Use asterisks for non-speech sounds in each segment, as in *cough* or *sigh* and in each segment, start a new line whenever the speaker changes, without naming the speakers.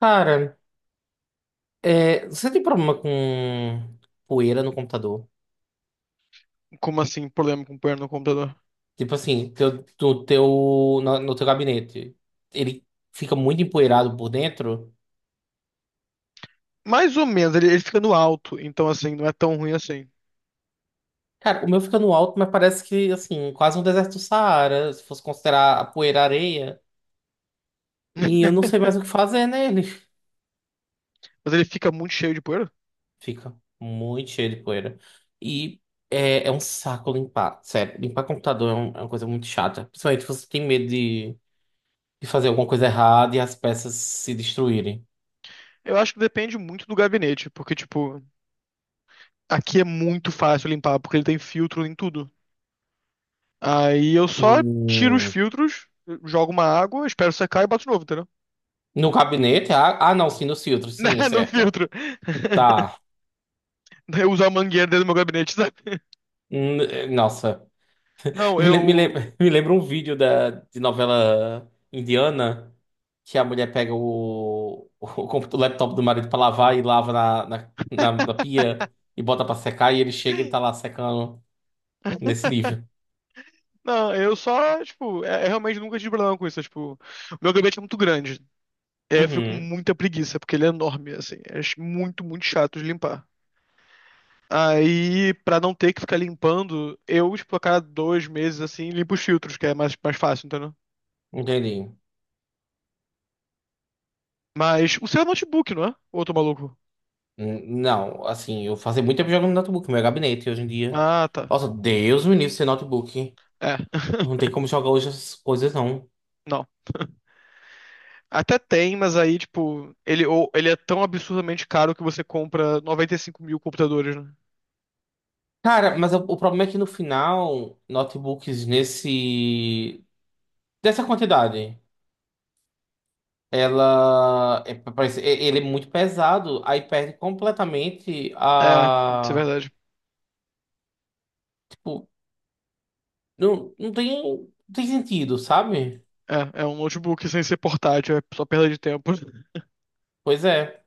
Cara, você tem problema com poeira no computador?
Como assim, problema com o poeira no computador?
Tipo assim, teu, do teu, na- no, teu gabinete, ele fica muito empoeirado por dentro?
Mais ou menos, ele fica no alto, então assim, não é tão ruim assim.
Cara, o meu fica no alto, mas parece que, assim, quase um deserto do Saara, se fosse considerar a poeira areia. E eu
*laughs*
não sei mais o que fazer nele. *laughs*
Mas ele fica muito cheio de poeira?
Fica muito cheio de poeira. E é um saco limpar, sério. Limpar computador é uma coisa muito chata. Principalmente se você tem medo de fazer alguma coisa errada e as peças se destruírem.
Eu acho que depende muito do gabinete, porque, tipo, aqui é muito fácil limpar, porque ele tem filtro em tudo. Aí eu só tiro os
Hum,
filtros, jogo uma água, espero secar e boto de novo, entendeu? *laughs*
no gabinete? Ah, não, sim, nos filtros,
Né,
sim,
no
certo.
filtro. *laughs*
Tá.
Daí eu uso a mangueira dentro do meu gabinete, sabe? *laughs*
Nossa.
Não,
Me, lem- me,
eu.
lem- *laughs* me lembra um vídeo de novela indiana que a mulher pega o laptop do marido pra lavar e lava na pia e bota pra secar e ele chega e ele tá lá secando nesse nível.
Não, eu só, tipo, é realmente nunca tive problema com isso. Tipo, o meu gabinete é muito grande. É, eu fico com
Uhum,
muita preguiça, porque ele é enorme, assim. É muito, muito chato de limpar. Aí, pra não ter que ficar limpando, eu, tipo, a cada dois meses, assim, limpo os filtros, que é mais, mais fácil, entendeu?
entendi.
Mas o seu é notebook, não é? Ou eu tô maluco?
Não, assim, eu fazia muito tempo jogando no notebook, meu gabinete hoje em dia.
Ah, tá.
Nossa, Deus me livre sem notebook.
É.
Não tem
*laughs*
como jogar hoje essas coisas, não.
Não. Até tem, mas aí, tipo, ele é tão absurdamente caro que você compra 95 mil computadores, né?
Cara, mas o problema é que no final, notebooks dessa quantidade, ela... é- parece- é- ele é muito pesado, aí perde completamente
É, isso é
a.
verdade.
Tipo, não, não tem sentido, sabe?
É, é um notebook sem ser portátil, é só perda de tempo. *laughs*
Pois é.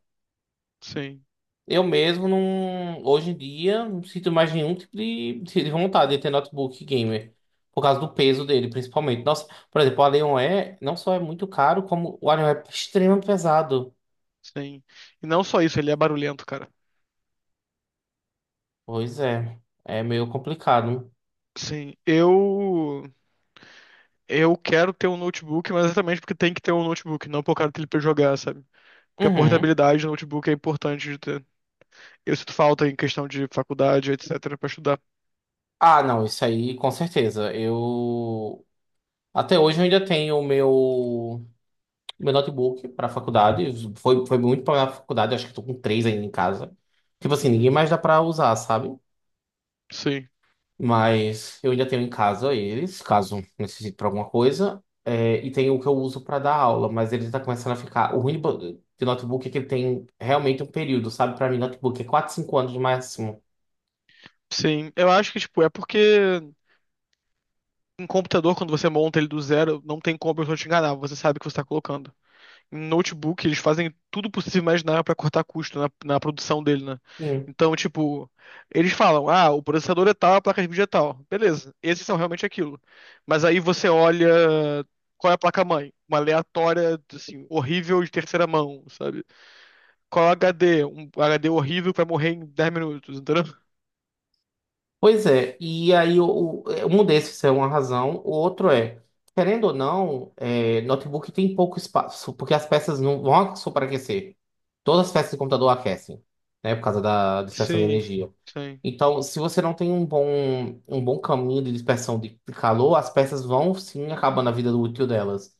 Sim,
Eu mesmo não, hoje em dia não sinto mais nenhum tipo de vontade de ter notebook gamer. Por causa do peso dele, principalmente. Nossa, por exemplo, o Alienware não só é muito caro, como o Alienware é extremamente pesado.
sim. E não só isso, ele é barulhento, cara.
Pois é, é meio complicado.
Sim, eu quero ter um notebook, mas exatamente porque tem que ter um notebook, não por causa dele pra jogar, sabe? Porque a
Uhum.
portabilidade do notebook é importante de ter. Eu sinto falta em questão de faculdade, etc, pra estudar.
Ah, não, isso aí com certeza. Eu até hoje eu ainda tenho o meu notebook para faculdade. Foi muito para faculdade, acho que estou com três ainda em casa. Tipo assim, ninguém
Uhum.
mais dá para usar, sabe?
Sim.
Mas eu ainda tenho em casa eles, caso necessite para alguma coisa. É, e tem o que eu uso para dar aula, mas ele tá começando a ficar. O ruim de notebook é que ele tem realmente um período, sabe? Para mim, notebook é 4, 5 anos no máximo.
Sim, eu acho que tipo é porque em computador quando você monta ele do zero, não tem como eu te enganar, você sabe o que você tá colocando. Em notebook, eles fazem tudo possível e imaginável para cortar custo na produção dele, né?
Sim.
Então, tipo, eles falam, ah, o processador é tal, a placa de vídeo é tal. Beleza, esses são realmente aquilo. Mas aí você olha qual é a placa-mãe? Uma aleatória, assim, horrível de terceira mão, sabe? Qual é o HD? Um HD horrível que vai morrer em 10 minutos, entendeu?
Pois é, e aí eu mudei, se é uma razão. O outro é, querendo ou não, notebook tem pouco espaço, porque as peças não vão superaquecer. Todas as peças de computador aquecem, né, por causa da dispersão de
Sim,
energia.
sim.
Então, se você não tem um bom caminho de dispersão de calor, as peças vão sim acabando a vida útil delas.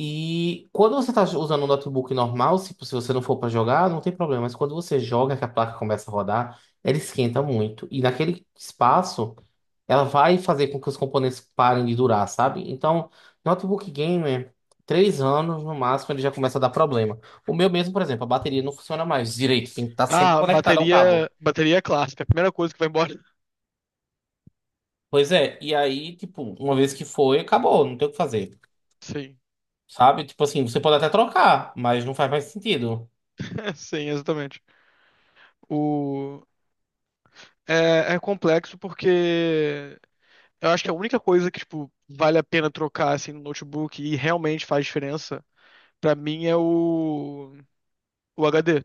E quando você está usando um notebook normal, se você não for para jogar, não tem problema. Mas quando você joga, que a placa começa a rodar, ela esquenta muito. E naquele espaço, ela vai fazer com que os componentes parem de durar, sabe? Então, notebook gamer, 3 anos no máximo, ele já começa a dar problema. O meu mesmo, por exemplo, a bateria não funciona mais direito, tem que estar sempre
Ah,
conectado ao cabo.
bateria, bateria é clássica, é a primeira coisa que vai embora.
Pois é, e aí, tipo, uma vez que foi, acabou, não tem o que fazer.
Sim,
Sabe? Tipo assim, você pode até trocar, mas não faz mais sentido.
*laughs* sim, exatamente. O É, é complexo porque eu acho que a única coisa que, tipo, vale a pena trocar, assim, no notebook e realmente faz diferença, pra mim é o HD.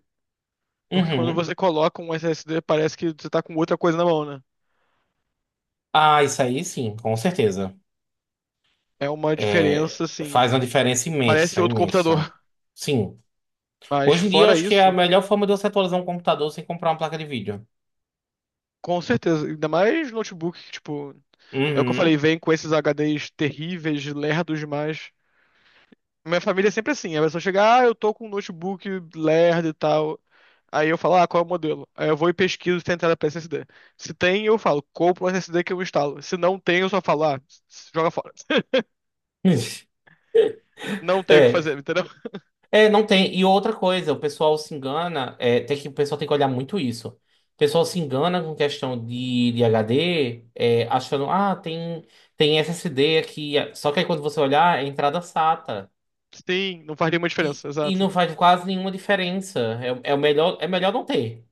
Porque quando
Uhum.
você coloca um SSD, parece que você tá com outra coisa na mão, né?
Ah, isso aí sim, com certeza.
É uma
É,
diferença, assim,
faz uma diferença
parece
imensa,
outro computador.
imensa.
*laughs*
Sim.
Mas
Hoje em dia eu
fora
acho que é a
isso,
melhor forma de você atualizar um computador sem comprar uma placa de vídeo.
com certeza, ainda mais notebook, que, tipo, é o que eu falei,
Uhum.
vem com esses HDs terríveis, lerdos demais. Minha família é sempre assim. A pessoa chega, ah, eu tô com um notebook lerdo e tal. Aí eu falo, ah, qual é o modelo? Aí eu vou e pesquiso se tem entrada pra SSD. Se tem, eu falo, compro um SSD que eu instalo. Se não tem, eu só falo, ah, joga fora. *laughs*
*laughs*
Não tem o que
É.
fazer, entendeu?
É, não tem. E outra coisa, o pessoal se engana, o pessoal tem que olhar muito isso. O pessoal se engana com questão de HD, achando, ah, tem SSD aqui. Só que aí quando você olhar, é entrada SATA.
Sim, não faz nenhuma
E,
diferença,
e
exato.
não faz quase nenhuma diferença. É o melhor, é melhor não ter.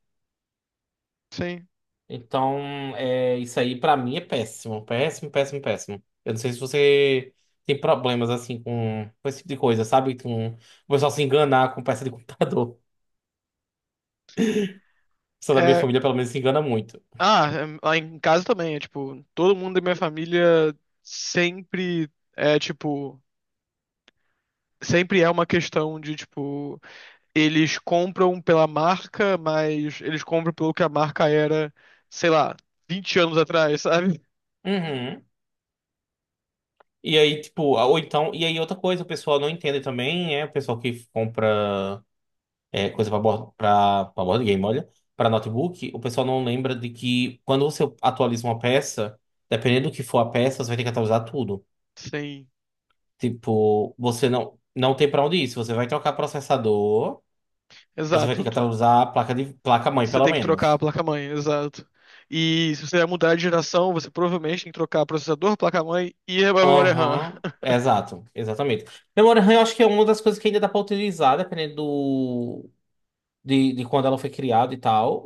Sim.
Então, isso aí pra mim é péssimo, péssimo, péssimo, péssimo. Eu não sei se você tem problemas assim com esse tipo de coisa, sabe? Com o pessoal se enganar com peça de computador. *laughs* O pessoal da minha
É,
família, pelo menos, se engana muito.
ah, é, lá em casa também, é tipo, todo mundo da minha família sempre tipo, sempre é uma questão de, tipo, eles compram pela marca, mas eles compram pelo que a marca era, sei lá, 20 anos atrás, *laughs* sabe?
Uhum. E aí, tipo, ou então, e aí outra coisa, o pessoal não entende também, é o pessoal que compra coisa pra board, pra board game, olha, pra notebook, o pessoal não lembra de que quando você atualiza uma peça, dependendo do que for a peça, você vai ter que atualizar tudo.
Sim,
Tipo, você não tem pra onde ir. Se você vai trocar processador, você vai ter
exato.
que atualizar a placa-mãe,
Você
pelo
tem que trocar a
menos.
placa-mãe, exato. E se você vai mudar de geração, você provavelmente tem que trocar processador, placa-mãe e a memória RAM. *laughs*
Aham, exato, exatamente. Memória RAM, eu acho que é uma das coisas que ainda dá pra utilizar, dependendo de quando ela foi criada e tal,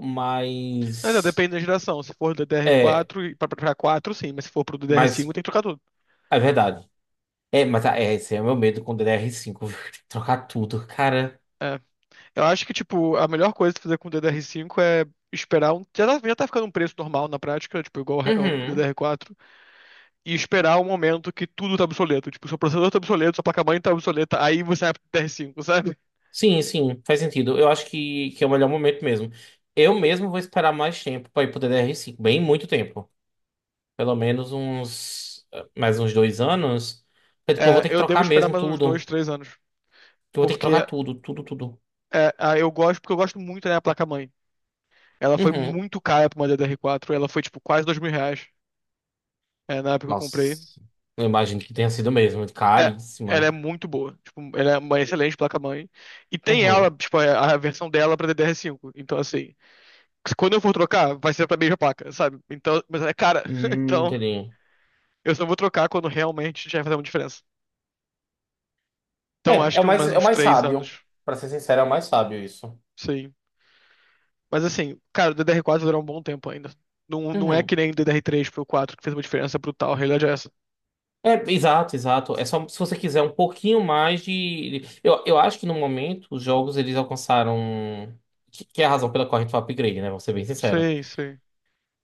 Mas é,
mas.
depende da geração. Se for do
É,
DDR4 e pra 4, sim, mas se for pro DDR5,
mas
tem que trocar tudo.
é verdade. É, mas esse é o meu medo com DDR5, viu? *laughs* Tem que trocar tudo, cara.
É. Eu acho que, tipo, a melhor coisa de fazer com o DDR5 é esperar um. Já tá ficando um preço normal na prática, tipo, igual ao
Uhum.
DDR4. E esperar o momento que tudo tá obsoleto. Tipo, seu processador tá obsoleto, sua placa-mãe tá obsoleta, aí você vai pro TR5, sabe?
Sim, sim, faz sentido. Eu acho que é o melhor momento mesmo. Eu mesmo vou esperar mais tempo para ir pro DDR5 bem muito tempo. Pelo menos uns mais uns 2 anos. Porque, tipo, eu vou
É,
ter que
eu devo
trocar
esperar
mesmo
mais uns
tudo.
dois, três anos.
Eu vou ter que
Porque
trocar tudo, tudo, tudo.
eu gosto, porque eu gosto muito da minha placa-mãe. Ela foi
Uhum.
muito cara pra uma DDR4, ela foi tipo quase R$ 2.000, é, na época que eu comprei.
Nossa, eu imagino que tenha sido mesmo,
É, ela é
caríssima.
muito boa. Tipo, ela é uma excelente placa-mãe. E tem ela,
Uhum.
tipo, a versão dela pra DDR5. Então, assim, que quando eu for trocar, vai ser pra mesma placa, sabe? Então, mas é cara. *laughs* Então,
Entendi.
eu só vou trocar quando realmente já vai fazer uma diferença. Então,
É,
acho que mais
é o
uns
mais
três
sábio.
anos.
Pra ser sincero, é o mais sábio isso.
Sim. Mas assim, cara, o DDR4 vai durar um bom tempo ainda. Não, não é
Uhum.
que nem o DDR3 pro 4 que fez uma diferença brutal. A realidade é essa.
É, exato, exato. É só se você quiser um pouquinho mais de. Eu acho que no momento os jogos eles alcançaram. Que é a razão pela qual a gente faz upgrade, né? Vou ser bem sincero.
Sim, sim.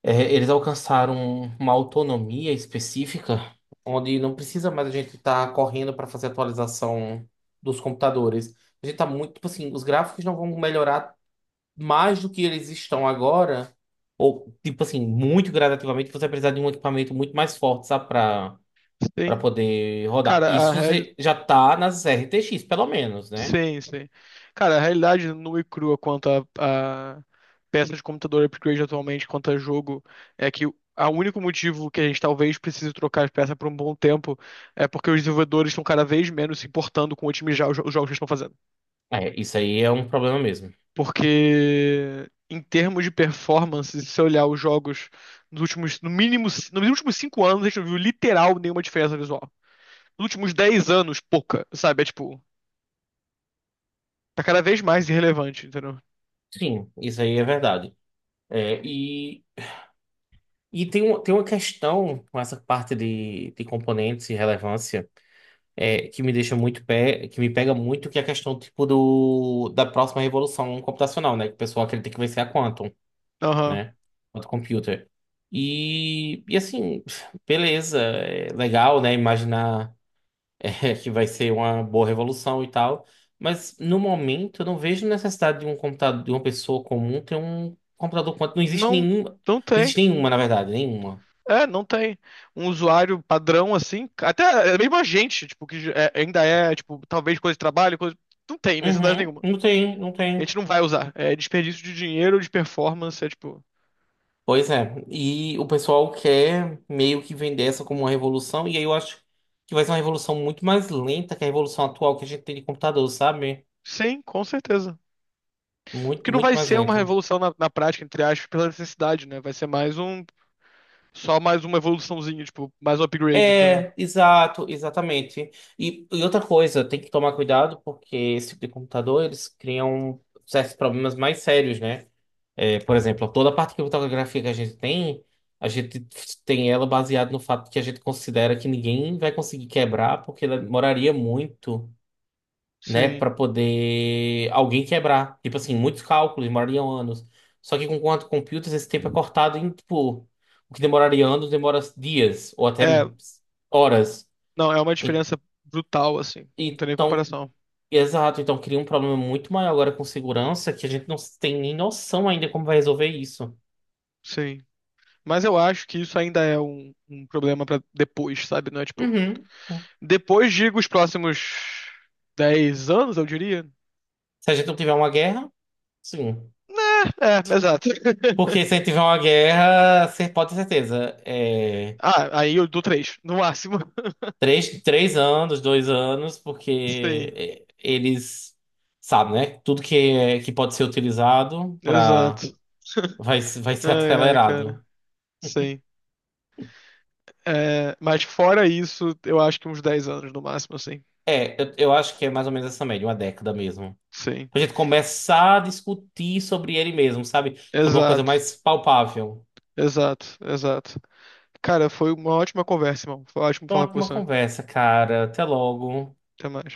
É, eles alcançaram uma autonomia específica onde não precisa mais a gente estar correndo para fazer atualização dos computadores. A gente tá muito. Tipo assim, os gráficos não vão melhorar mais do que eles estão agora. Ou, tipo assim, muito gradativamente, você vai precisar de um equipamento muito mais forte, sabe? Pra
Sim.
poder rodar.
Cara, a
Isso
real-
você já tá nas RTX, pelo menos, né?
Sim, sim. Cara, a realidade nua e crua quanto a peças de computador upgrade atualmente, quanto a jogo, é que o a único motivo que a gente talvez precise trocar as peças por um bom tempo é porque os desenvolvedores estão cada vez menos se importando com otimizar os jogos que eles estão fazendo.
É, isso aí é um problema mesmo.
Porque, em termos de performance, se você olhar os jogos nos últimos, no mínimo, nos últimos 5 anos, a gente não viu literal nenhuma diferença visual. Nos últimos 10 anos, pouca, sabe? É tipo, tá cada vez mais irrelevante, entendeu?
Sim, isso aí é verdade. É, e tem uma questão com essa parte de componentes e relevância que me deixa muito pé, que me pega muito, que é a questão tipo da próxima revolução computacional, né? Que o pessoal acredita que vai ser a Quantum,
Aham.
né? Quantum Computer. E assim, beleza, é legal, né? Imaginar. *laughs* Que vai ser uma boa revolução e tal. Mas no momento eu não vejo necessidade de um computador, de uma pessoa comum ter um computador quanto. Não existe
Não,
nenhum. Não
não tem.
existe nenhuma, na verdade, nenhuma.
É, não tem. Um usuário padrão assim, até é mesmo a gente, tipo, ainda é, tipo, talvez coisa de trabalho, coisa... não tem necessidade
Uhum,
nenhuma.
não tem, não
A
tem.
gente não vai usar. É desperdício de dinheiro, de performance, é tipo,
Pois é. E o pessoal quer meio que vender essa como uma revolução, e aí eu acho que vai ser uma revolução muito mais lenta que a revolução atual que a gente tem de computador, sabe?
sim, com certeza. Porque
Muito,
não
muito
vai
mais
ser uma
lenta.
revolução na prática, entre aspas, pela necessidade, né? Vai ser só mais uma evoluçãozinha, tipo, mais um upgrade, entendeu?
É, exato, exatamente. E outra coisa, tem que tomar cuidado porque esse tipo de computador eles criam certos problemas mais sérios, né? É, por exemplo, toda a parte de criptografia que a gente tem, ela baseada no fato que a gente considera que ninguém vai conseguir quebrar porque ela demoraria muito né,
Sim.
para poder alguém quebrar. Tipo assim, muitos cálculos demorariam anos. Só que com quanto computers esse tempo é cortado em tipo, o que demoraria anos demora dias ou até
É,
horas.
não, é uma
E-
diferença brutal, assim. Não tem nem
Então,
comparação.
exato, então cria um problema muito maior agora com segurança que a gente não tem nem noção ainda como vai resolver isso.
Sim. Mas eu acho que isso ainda é um problema pra depois, sabe? Não é tipo.
Uhum.
Depois, digo, os próximos 10 anos, eu diria.
Se a gente não tiver uma guerra, sim.
Né, é, exato. *laughs*
Porque se a gente tiver uma guerra, você pode ter certeza. é,
Ah, aí eu dou três, no máximo. *laughs*
Três, três anos, 2 anos, porque
Sim,
eles sabem, né? Tudo que pode ser utilizado para
exato. *laughs*
vai, se- vai ser *laughs*
Ai, ai, cara.
acelerado.
Sim. É, mas fora isso, eu acho que uns 10 anos no máximo, assim.
É, eu acho que é mais ou menos essa média, uma década mesmo.
Sim.
Pra gente começar a discutir sobre ele mesmo, sabe? Sobre uma coisa
Exato.
mais palpável.
Exato, exato. Cara, foi uma ótima conversa, irmão. Foi ótimo
Foi uma
falar com
ótima
você.
conversa, cara. Até logo.
Até mais.